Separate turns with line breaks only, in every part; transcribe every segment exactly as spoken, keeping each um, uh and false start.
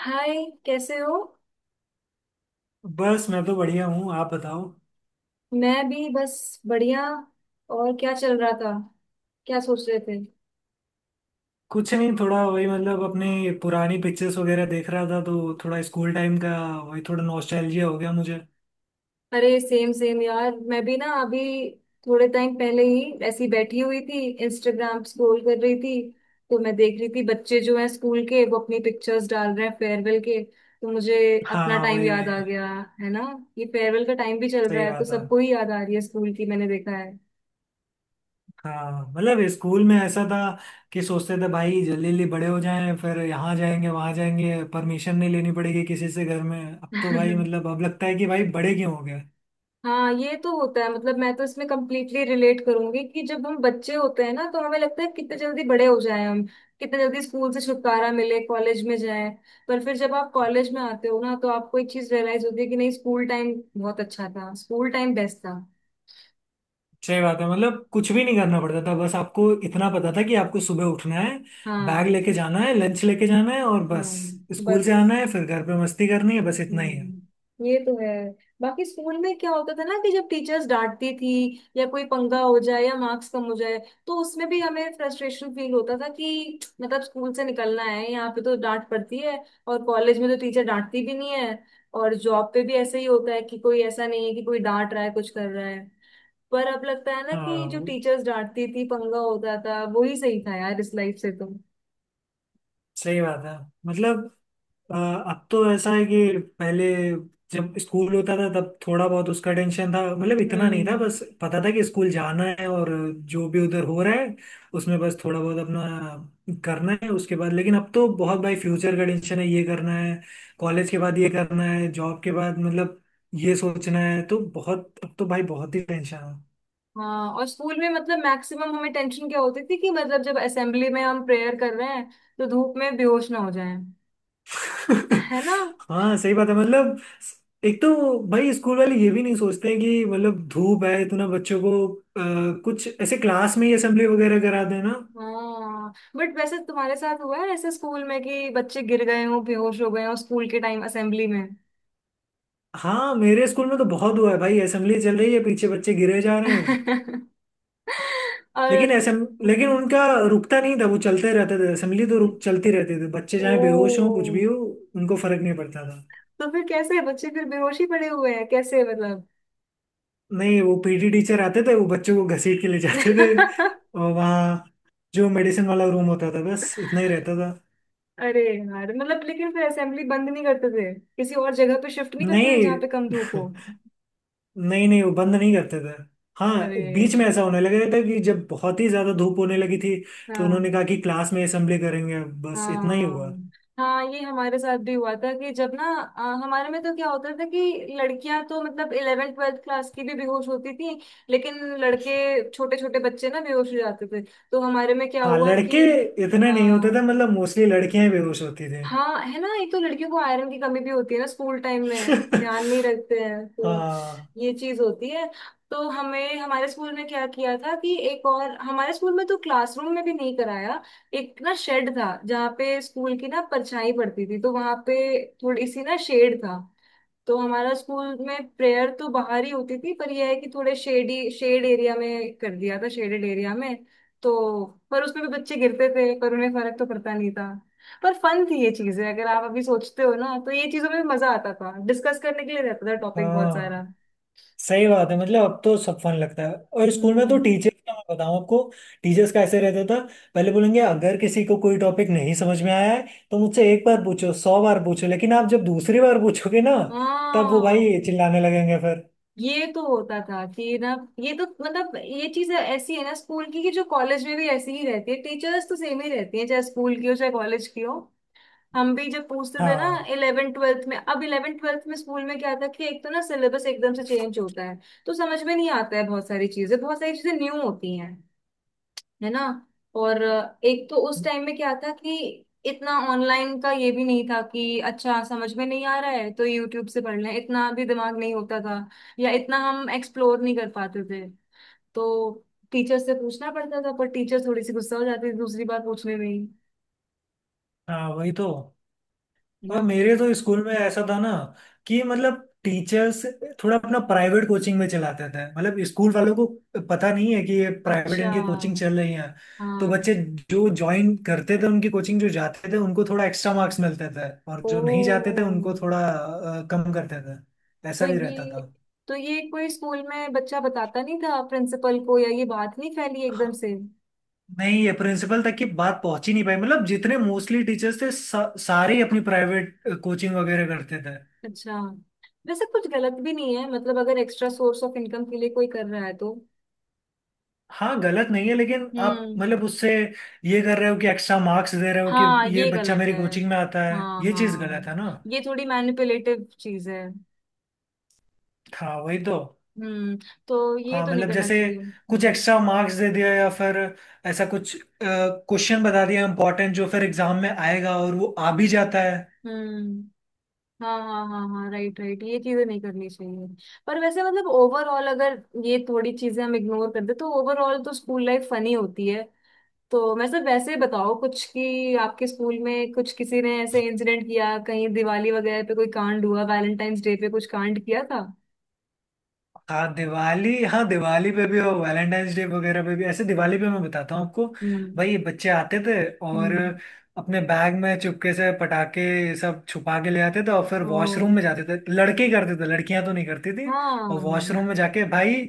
हाय। कैसे हो?
बस मैं तो बढ़िया हूँ। आप बताओ।
मैं भी बस बढ़िया। और क्या चल रहा था? क्या सोच रहे थे?
कुछ नहीं, थोड़ा वही मतलब अपने पुरानी पिक्चर्स वगैरह देख रहा था तो थोड़ा स्कूल टाइम का वही थोड़ा नॉस्टैल्जिया हो गया मुझे।
अरे सेम सेम यार, मैं भी ना अभी थोड़े टाइम पहले ही ऐसी बैठी हुई थी। इंस्टाग्राम स्क्रॉल कर रही थी। तो मैं देख रही थी बच्चे जो हैं स्कूल के, वो अपनी पिक्चर्स डाल रहे हैं फेयरवेल के, तो मुझे अपना
हाँ,
टाइम
वही
याद
वही
आ गया, है ना। ये फेयरवेल का टाइम भी चल रहा
सही
है तो
बात है।
सबको ही याद आ रही है स्कूल की, मैंने देखा
हाँ मतलब स्कूल में ऐसा था कि सोचते थे भाई जल्दी जल्दी बड़े हो जाएं, फिर यहाँ जाएंगे, वहाँ जाएंगे, परमिशन नहीं लेनी पड़ेगी किसी से घर में। अब तो
है।
भाई मतलब अब लगता है कि भाई बड़े क्यों हो गए।
हाँ, ये तो होता है। मतलब मैं तो इसमें कम्प्लीटली रिलेट करूंगी कि जब हम बच्चे होते हैं ना तो हमें लगता है कितने जल्दी बड़े हो जाएं हम, कितने जल्दी स्कूल से छुटकारा मिले, कॉलेज में जाएं। पर फिर जब आप कॉलेज में आते हो ना तो आपको एक चीज रियलाइज होती है कि नहीं, स्कूल टाइम बहुत अच्छा था, स्कूल टाइम बेस्ट था।
सही बात है। मतलब कुछ भी नहीं करना पड़ता था, बस आपको इतना पता था कि आपको सुबह उठना है, बैग
हाँ।
लेके जाना है, लंच लेके जाना है और बस।
हम्म,
स्कूल से आना
बस।
है फिर घर पे मस्ती करनी है, बस इतना ही है।
हम्म, ये तो है। बाकी स्कूल में क्या होता था ना कि जब टीचर्स डांटती थी या कोई पंगा हो जाए या मार्क्स कम हो जाए, तो उसमें भी हमें फ्रस्ट्रेशन फील होता था कि मतलब स्कूल से निकलना है, यहाँ पे तो डांट पड़ती है। और कॉलेज में तो टीचर डांटती भी नहीं है। और जॉब पे भी ऐसे ही होता है कि कोई ऐसा नहीं है कि कोई डांट रहा है कुछ कर रहा है। पर अब लगता है ना कि जो
हाँ
टीचर्स डांटती थी, पंगा होता था, वो ही सही था यार, इस लाइफ से तो।
सही बात है। मतलब अ, अब तो ऐसा है कि पहले जब स्कूल होता था तब थोड़ा बहुत उसका टेंशन था, मतलब इतना नहीं था,
हम्म।
बस पता था कि स्कूल जाना है और जो भी उधर हो रहा है उसमें बस थोड़ा बहुत अपना करना है उसके बाद। लेकिन अब तो बहुत भाई फ्यूचर का टेंशन है, ये करना है, कॉलेज के बाद ये करना है, जॉब के बाद मतलब ये सोचना है, तो बहुत अब तो भाई बहुत ही टेंशन है।
हाँ, और स्कूल में मतलब मैक्सिमम हमें टेंशन क्या होती थी कि मतलब जब असेंबली में हम प्रेयर कर रहे हैं तो धूप में बेहोश ना हो जाएं, है ना।
हाँ सही बात है। मतलब एक तो भाई स्कूल वाले ये भी नहीं सोचते हैं कि मतलब धूप है इतना बच्चों को। अ, कुछ ऐसे क्लास में ही असेंबली वगैरह करा देना।
हाँ, बट वैसे तुम्हारे साथ हुआ है ऐसे स्कूल में कि बच्चे गिर गए हों, बेहोश हो गए हों स्कूल के टाइम असेंबली में?
हाँ मेरे स्कूल में तो बहुत हुआ है भाई, असेंबली चल रही है, पीछे बच्चे गिरे जा रहे हैं।
और।
लेकिन असेंब लेकिन
हम्म।
उनका रुकता नहीं था, वो चलते रहते थे। असेंबली तो रुक चलती रहती थी, बच्चे चाहे बेहोश हों
ओ।
कुछ भी हो, उनको फर्क नहीं पड़ता था।
तो फिर कैसे बच्चे फिर बेहोश ही पड़े हुए हैं? कैसे मतलब?
नहीं, वो पीटी टीचर आते थे, वो बच्चों को घसीट के ले जाते थे और वहाँ जो मेडिसिन वाला रूम होता था, बस इतना ही रहता था।
अरे यार, मतलब लेकिन फिर असेंबली बंद नहीं करते थे? किसी और जगह पे शिफ्ट नहीं करते थे
नहीं
जहाँ पे कम धूप हो?
नहीं नहीं, वो बंद नहीं करते थे। हाँ
अरे।
बीच में ऐसा होने लगा था कि जब बहुत ही ज्यादा धूप होने लगी थी तो
हाँ,
उन्होंने कहा कि क्लास में असेंबली करेंगे, अब बस इतना ही
हाँ,
हुआ।
हाँ, ये हमारे साथ भी हुआ था कि जब ना अ, हमारे में तो क्या होता था कि लड़कियां तो मतलब इलेवेंथ ट्वेल्थ क्लास की भी बेहोश होती थी, लेकिन लड़के, छोटे छोटे बच्चे ना बेहोश हो जाते थे, तो हमारे में क्या
हाँ
हुआ
लड़के
कि।
इतने नहीं होते थे,
हाँ,
मतलब मोस्टली लड़कियां ही बेहोश होती थी।
हाँ, है ना, एक तो लड़कियों को आयरन की कमी भी होती है ना, स्कूल टाइम में ध्यान नहीं रखते हैं तो
हाँ।
ये चीज होती है। तो हमें हमारे स्कूल में क्या किया था कि, एक और हमारे स्कूल में तो क्लासरूम में भी नहीं कराया। एक ना शेड था, जहाँ पे स्कूल की ना परछाई पड़ती थी, तो वहां पे थोड़ी सी ना शेड था। तो हमारा स्कूल में प्रेयर तो बाहर ही होती थी, पर यह है कि थोड़े शेडी शेड एरिया में कर दिया था, शेडेड एरिया में। तो पर उसमें भी बच्चे गिरते थे, पर उन्हें फर्क तो पड़ता नहीं था। पर फन थी ये चीजें, अगर आप अभी सोचते हो ना, तो ये चीजों में मजा आता था, डिस्कस करने के लिए रहता था टॉपिक बहुत सारा।
हाँ सही बात है, मतलब अब तो सब फन लगता है। और स्कूल में तो
हम्म।
टीचर्स का मैं बताऊं आपको, टीचर्स का ऐसे रहता था, पहले बोलेंगे अगर किसी को कोई टॉपिक नहीं समझ में आया है तो मुझसे एक बार पूछो, सौ बार पूछो, लेकिन आप जब दूसरी बार पूछोगे ना तब वो
हाँ,
भाई चिल्लाने लगेंगे फिर।
ये तो होता था कि ना, ये तो मतलब ये चीज ऐसी है ना स्कूल की कि जो कॉलेज में भी ऐसी ही रहती है, टीचर्स तो सेम ही रहती है चाहे स्कूल की हो चाहे कॉलेज की हो। हम भी जब पूछते थे ना
हाँ,
इलेवेंथ ट्वेल्थ में, अब इलेवेंथ ट्वेल्थ में स्कूल में क्या था कि एक तो ना सिलेबस एकदम से चेंज होता है, तो समझ में नहीं आता है, बहुत सारी चीजें। बहुत सारी चीजें न्यू होती हैं, है ना। और अ, एक तो उस टाइम में क्या था कि इतना ऑनलाइन का ये भी नहीं था कि अच्छा समझ में नहीं आ रहा है तो यूट्यूब से पढ़ लें, इतना भी दिमाग नहीं होता था, या इतना हम एक्सप्लोर नहीं कर पाते थे। तो टीचर से पूछना पड़ता था, पर टीचर थोड़ी सी गुस्सा हो जाती थी दूसरी बार पूछने में ही,
हाँ वही तो।
है
और
ना।
मेरे तो स्कूल में ऐसा था ना कि मतलब टीचर्स थोड़ा अपना प्राइवेट कोचिंग में चलाते थे, मतलब स्कूल वालों को पता नहीं है कि ये प्राइवेट
अच्छा।
इनकी कोचिंग चल रही है। तो
हाँ।
बच्चे जो ज्वाइन करते थे उनकी कोचिंग, जो जाते थे उनको थोड़ा एक्स्ट्रा मार्क्स मिलते थे और जो नहीं जाते
ओ।
थे उनको थोड़ा अ, कम करते थे।
तो
ऐसा भी रहता
ये
था।
तो ये कोई स्कूल में बच्चा बताता नहीं था प्रिंसिपल को, या ये बात नहीं फैली
हाँ,
एकदम से?
नहीं ये प्रिंसिपल तक की बात पहुंच ही नहीं पाई। मतलब जितने मोस्टली टीचर्स थे सा, सारे ही अपनी प्राइवेट कोचिंग वगैरह करते थे।
अच्छा। वैसे कुछ गलत भी नहीं है, मतलब अगर एक्स्ट्रा सोर्स ऑफ इनकम के लिए कोई कर रहा है तो।
हाँ गलत नहीं है, लेकिन आप
हम्म।
मतलब उससे ये कर रहे हो कि एक्स्ट्रा मार्क्स दे रहे हो, कि
हाँ,
ये
ये
बच्चा
गलत
मेरी
है।
कोचिंग में आता है,
हाँ,
ये चीज गलत
हाँ।
है ना।
ये थोड़ी मैनिपुलेटिव चीज है।
हाँ वही तो।
हम्म। तो ये
हाँ
तो नहीं
मतलब
करना
जैसे
चाहिए।
कुछ
हम्म।
एक्स्ट्रा मार्क्स दे दिया, या फिर ऐसा कुछ क्वेश्चन बता दिया इम्पोर्टेंट जो फिर एग्जाम में आएगा और वो आ भी जाता है।
हम्म। हाँ, हाँ, हाँ, हाँ, राइट, राइट, ये चीजें नहीं करनी चाहिए। पर वैसे मतलब ओवरऑल अगर ये थोड़ी चीजें हम इग्नोर कर दे तो ओवरऑल तो स्कूल लाइफ फनी होती है। तो मैं सब, वैसे बताओ कुछ कि आपके स्कूल में कुछ, किसी ने ऐसे इंसिडेंट किया, कहीं दिवाली वगैरह पे कोई कांड हुआ, वैलेंटाइंस डे पे कुछ कांड किया था?
हाँ दिवाली, हाँ दिवाली पे भी हो, वैलेंटाइंस डे वगैरह पे भी। ऐसे दिवाली पे मैं बताता हूँ आपको,
हम्म।
भाई ये बच्चे आते थे और
हम्म।
अपने बैग में चुपके से पटाखे ये सब छुपा के ले आते थे और फिर
ओ।
वॉशरूम में जाते थे। लड़के ही करते थे, लड़कियां तो नहीं करती थी। और वॉशरूम में
हाँ।
जाके भाई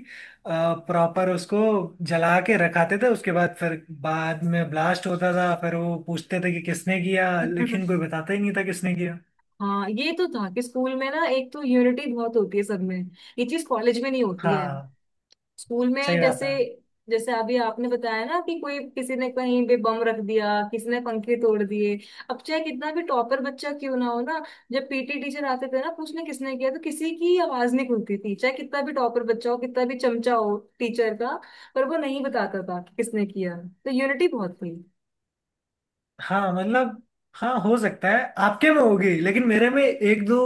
प्रॉपर उसको जला के रखाते थे, उसके बाद फिर बाद में ब्लास्ट होता था। फिर वो पूछते थे कि किसने किया, लेकिन कोई बताता ही नहीं था किसने किया।
हाँ, ये तो था कि स्कूल में ना एक तो यूनिटी बहुत होती है सब में, ये चीज कॉलेज में नहीं होती है।
हाँ
स्कूल में
सही बात
जैसे
है।
जैसे अभी आपने बताया ना कि कोई किसी ने कहीं पे बम रख दिया, किसी ने पंखे तोड़ दिए। अब चाहे कितना भी टॉपर बच्चा क्यों ना हो ना, जब पीटी टीचर आते थे ना पूछने किसने किया तो किसी की आवाज नहीं खुलती थी, चाहे कितना भी टॉपर बच्चा हो, कितना भी चमचा हो टीचर का, पर वो नहीं बताता था कि किसने किया। तो यूनिटी बहुत थी।
हाँ मतलब, हाँ हो सकता है आपके में होगी, लेकिन मेरे में एक दो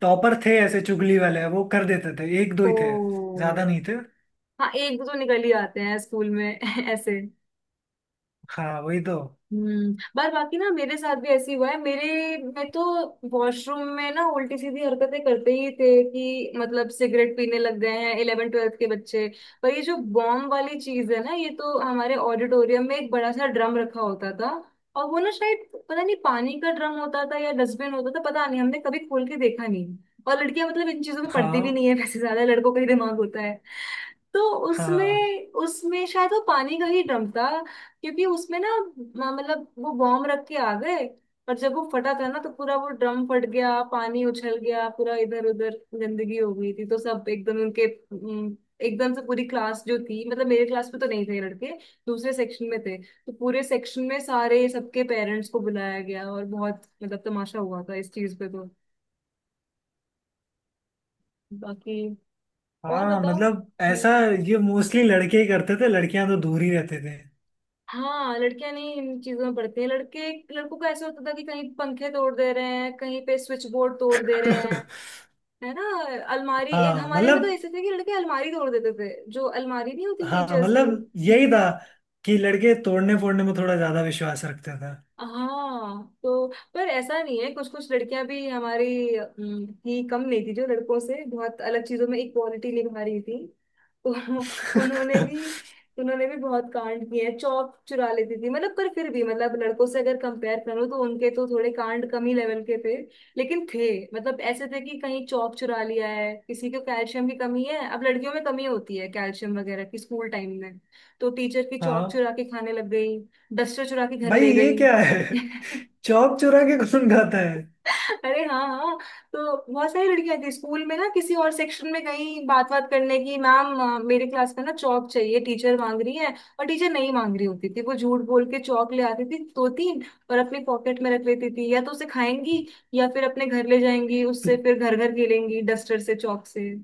टॉपर थे ऐसे चुगली वाले, वो कर देते थे। एक दो
ओ।
ही थे, ज्यादा नहीं थे।
हाँ, एक दो तो निकल ही आते हैं स्कूल में ऐसे।
हाँ वही तो।
हम्म। पर बाकी ना मेरे साथ भी ऐसे ही हुआ है मेरे मैं तो वॉशरूम में ना उल्टी सीधी हरकतें करते ही थे, कि मतलब सिगरेट पीने लग गए हैं इलेवन ट्वेल्थ के बच्चे। पर ये जो बॉम्ब वाली चीज है ना, ये तो हमारे ऑडिटोरियम में एक बड़ा सा ड्रम रखा होता था। और वो ना शायद पता नहीं, पानी का ड्रम होता था या डस्टबिन होता था पता नहीं, हमने कभी खोल के देखा नहीं। और लड़कियां मतलब इन चीजों में पढ़ती भी
हाँ
नहीं है वैसे, ज्यादा लड़कों का ही दिमाग होता है। तो
हाँ
उसमें उसमें शायद वो पानी का ही ड्रम था। क्योंकि उसमें ना म- मतलब वो बॉम्ब रख के आ गए। और जब वो फटा था ना तो पूरा वो ड्रम फट गया, पानी उछल गया पूरा इधर उधर, गंदगी हो गई थी, तो सब एकदम उनके। हम्म, एकदम से पूरी क्लास जो थी, मतलब मेरे क्लास में तो नहीं थे लड़के, दूसरे सेक्शन में थे, तो पूरे सेक्शन में सारे, सबके पेरेंट्स को बुलाया गया और बहुत मतलब तमाशा हुआ था इस चीज पे तो। बाकी, और
हाँ
बताओ।
मतलब ऐसा, ये मोस्टली लड़के ही करते थे, लड़कियां तो दूर ही रहते थे।
हाँ, लड़कियां नहीं इन चीजों में पढ़ती हैं, लड़के, लड़कों का ऐसा होता था कि कहीं पंखे तोड़ दे रहे हैं, कहीं पे स्विच बोर्ड तोड़ दे रहे हैं। है ना। अलमारी, एक
हाँ
हमारे में तो
मतलब,
ऐसे थे कि लड़के अलमारी तोड़ देते थे, जो अलमारी नहीं होती
हाँ
टीचर्स की।
मतलब यही था कि लड़के तोड़ने फोड़ने में थोड़ा ज्यादा विश्वास रखते थे।
हाँ, तो। पर ऐसा नहीं है, कुछ कुछ लड़कियां भी हमारी अम, ही कम नहीं थी, जो लड़कों से बहुत अलग चीजों में इक्वालिटी निभा रही थी। तो उन्होंने भी उन्होंने भी बहुत कांड किए हैं, चौक चुरा लेती थी मतलब, पर फिर भी मतलब लड़कों से अगर कंपेयर करूँ तो उनके तो थोड़े कांड कम ही लेवल के थे, लेकिन थे। मतलब ऐसे थे कि कहीं चौक चुरा लिया है, किसी को कैल्शियम की कमी है, अब लड़कियों में कमी होती है कैल्शियम वगैरह की स्कूल टाइम में, तो टीचर की चौक
हाँ।
चुरा के खाने लग गई, डस्टर चुरा के घर
भाई
ले
ये
गई।
क्या है, चौक चुरा के कौन खाता है।
अरे, हाँ, हाँ, तो बहुत सारी लड़कियां थी स्कूल में ना, किसी और सेक्शन में गई बात बात करने की, मैम अ, मेरे क्लास में ना चौक चाहिए, टीचर मांग रही है। और टीचर नहीं मांग रही होती थी, वो झूठ बोल के चौक ले आती थी दो तीन, और अपनी पॉकेट में रख लेती थी, या तो उसे खाएंगी, या फिर अपने घर ले जाएंगी उससे, फिर घर घर खेलेंगी डस्टर से चौक से।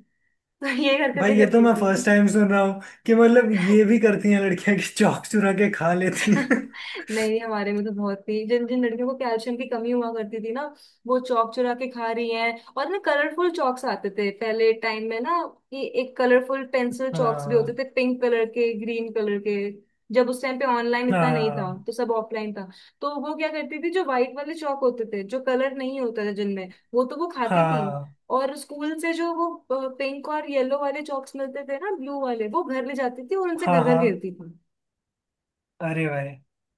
तो ये
भाई
हरकतें
ये तो
करती
मैं
थी।
फर्स्ट टाइम सुन रहा हूँ कि मतलब ये भी करती हैं लड़कियां कि चौक चुरा के खा लेती हैं।
नहीं, नहीं, हमारे में तो बहुत ही, जिन जिन लड़कियों को कैल्शियम की कमी हुआ करती थी ना, वो चौक चुरा के खा रही हैं। और ना कलरफुल चौक्स आते थे पहले टाइम में ना, ये एक कलरफुल पेंसिल चौक्स भी होते
हाँ,
थे, पिंक कलर के, ग्रीन कलर के। जब उस टाइम पे ऑनलाइन इतना नहीं था
हाँ,
तो सब ऑफलाइन था, तो वो क्या करती थी, जो व्हाइट वाले चौक होते थे जो कलर नहीं होता था जिनमें, वो तो वो खाती थी।
हाँ,
और स्कूल से जो वो पिंक और येलो वाले चॉक्स मिलते थे ना, ब्लू वाले, वो घर ले जाती थी और उनसे
हाँ,
घर घर
हाँ।
खेलती
अरे भाई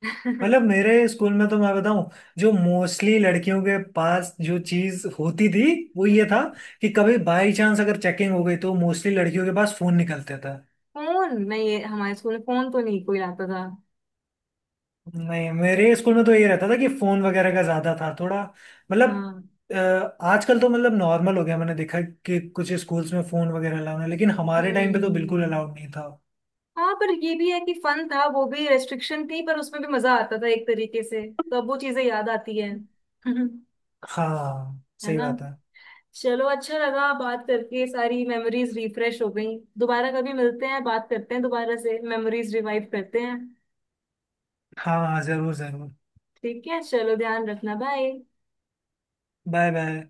थी।
मतलब मेरे स्कूल में तो मैं बताऊं, जो मोस्टली लड़कियों के पास जो चीज होती थी वो ये था
हम्म।
कि कभी बाई चांस अगर चेकिंग हो गई तो मोस्टली लड़कियों के पास फोन निकलते था।
फोन नहीं, ये हमारे स्कूल में फोन तो नहीं कोई लाता था।
नहीं मेरे स्कूल में तो ये रहता था कि फोन वगैरह का ज्यादा था थोड़ा। मतलब
हाँ।
अ, आजकल तो मतलब नॉर्मल हो गया, मैंने देखा कि कुछ स्कूल्स में फोन वगैरह अलाउड है, लेकिन हमारे टाइम पे तो बिल्कुल
हम्म।
अलाउड नहीं था।
हाँ, पर ये भी है कि फन था, वो भी रेस्ट्रिक्शन थी पर उसमें भी मजा आता था एक तरीके से। तो अब वो चीजें याद आती है है
हाँ सही
ना।
बात है।
चलो, अच्छा लगा बात करके, सारी मेमोरीज रिफ्रेश हो गई, दोबारा कभी मिलते हैं, बात करते हैं दोबारा से, मेमोरीज रिवाइव करते हैं।
हाँ हाँ, जरूर जरूर।
ठीक है, चलो, ध्यान रखना, बाय।
Bye bye.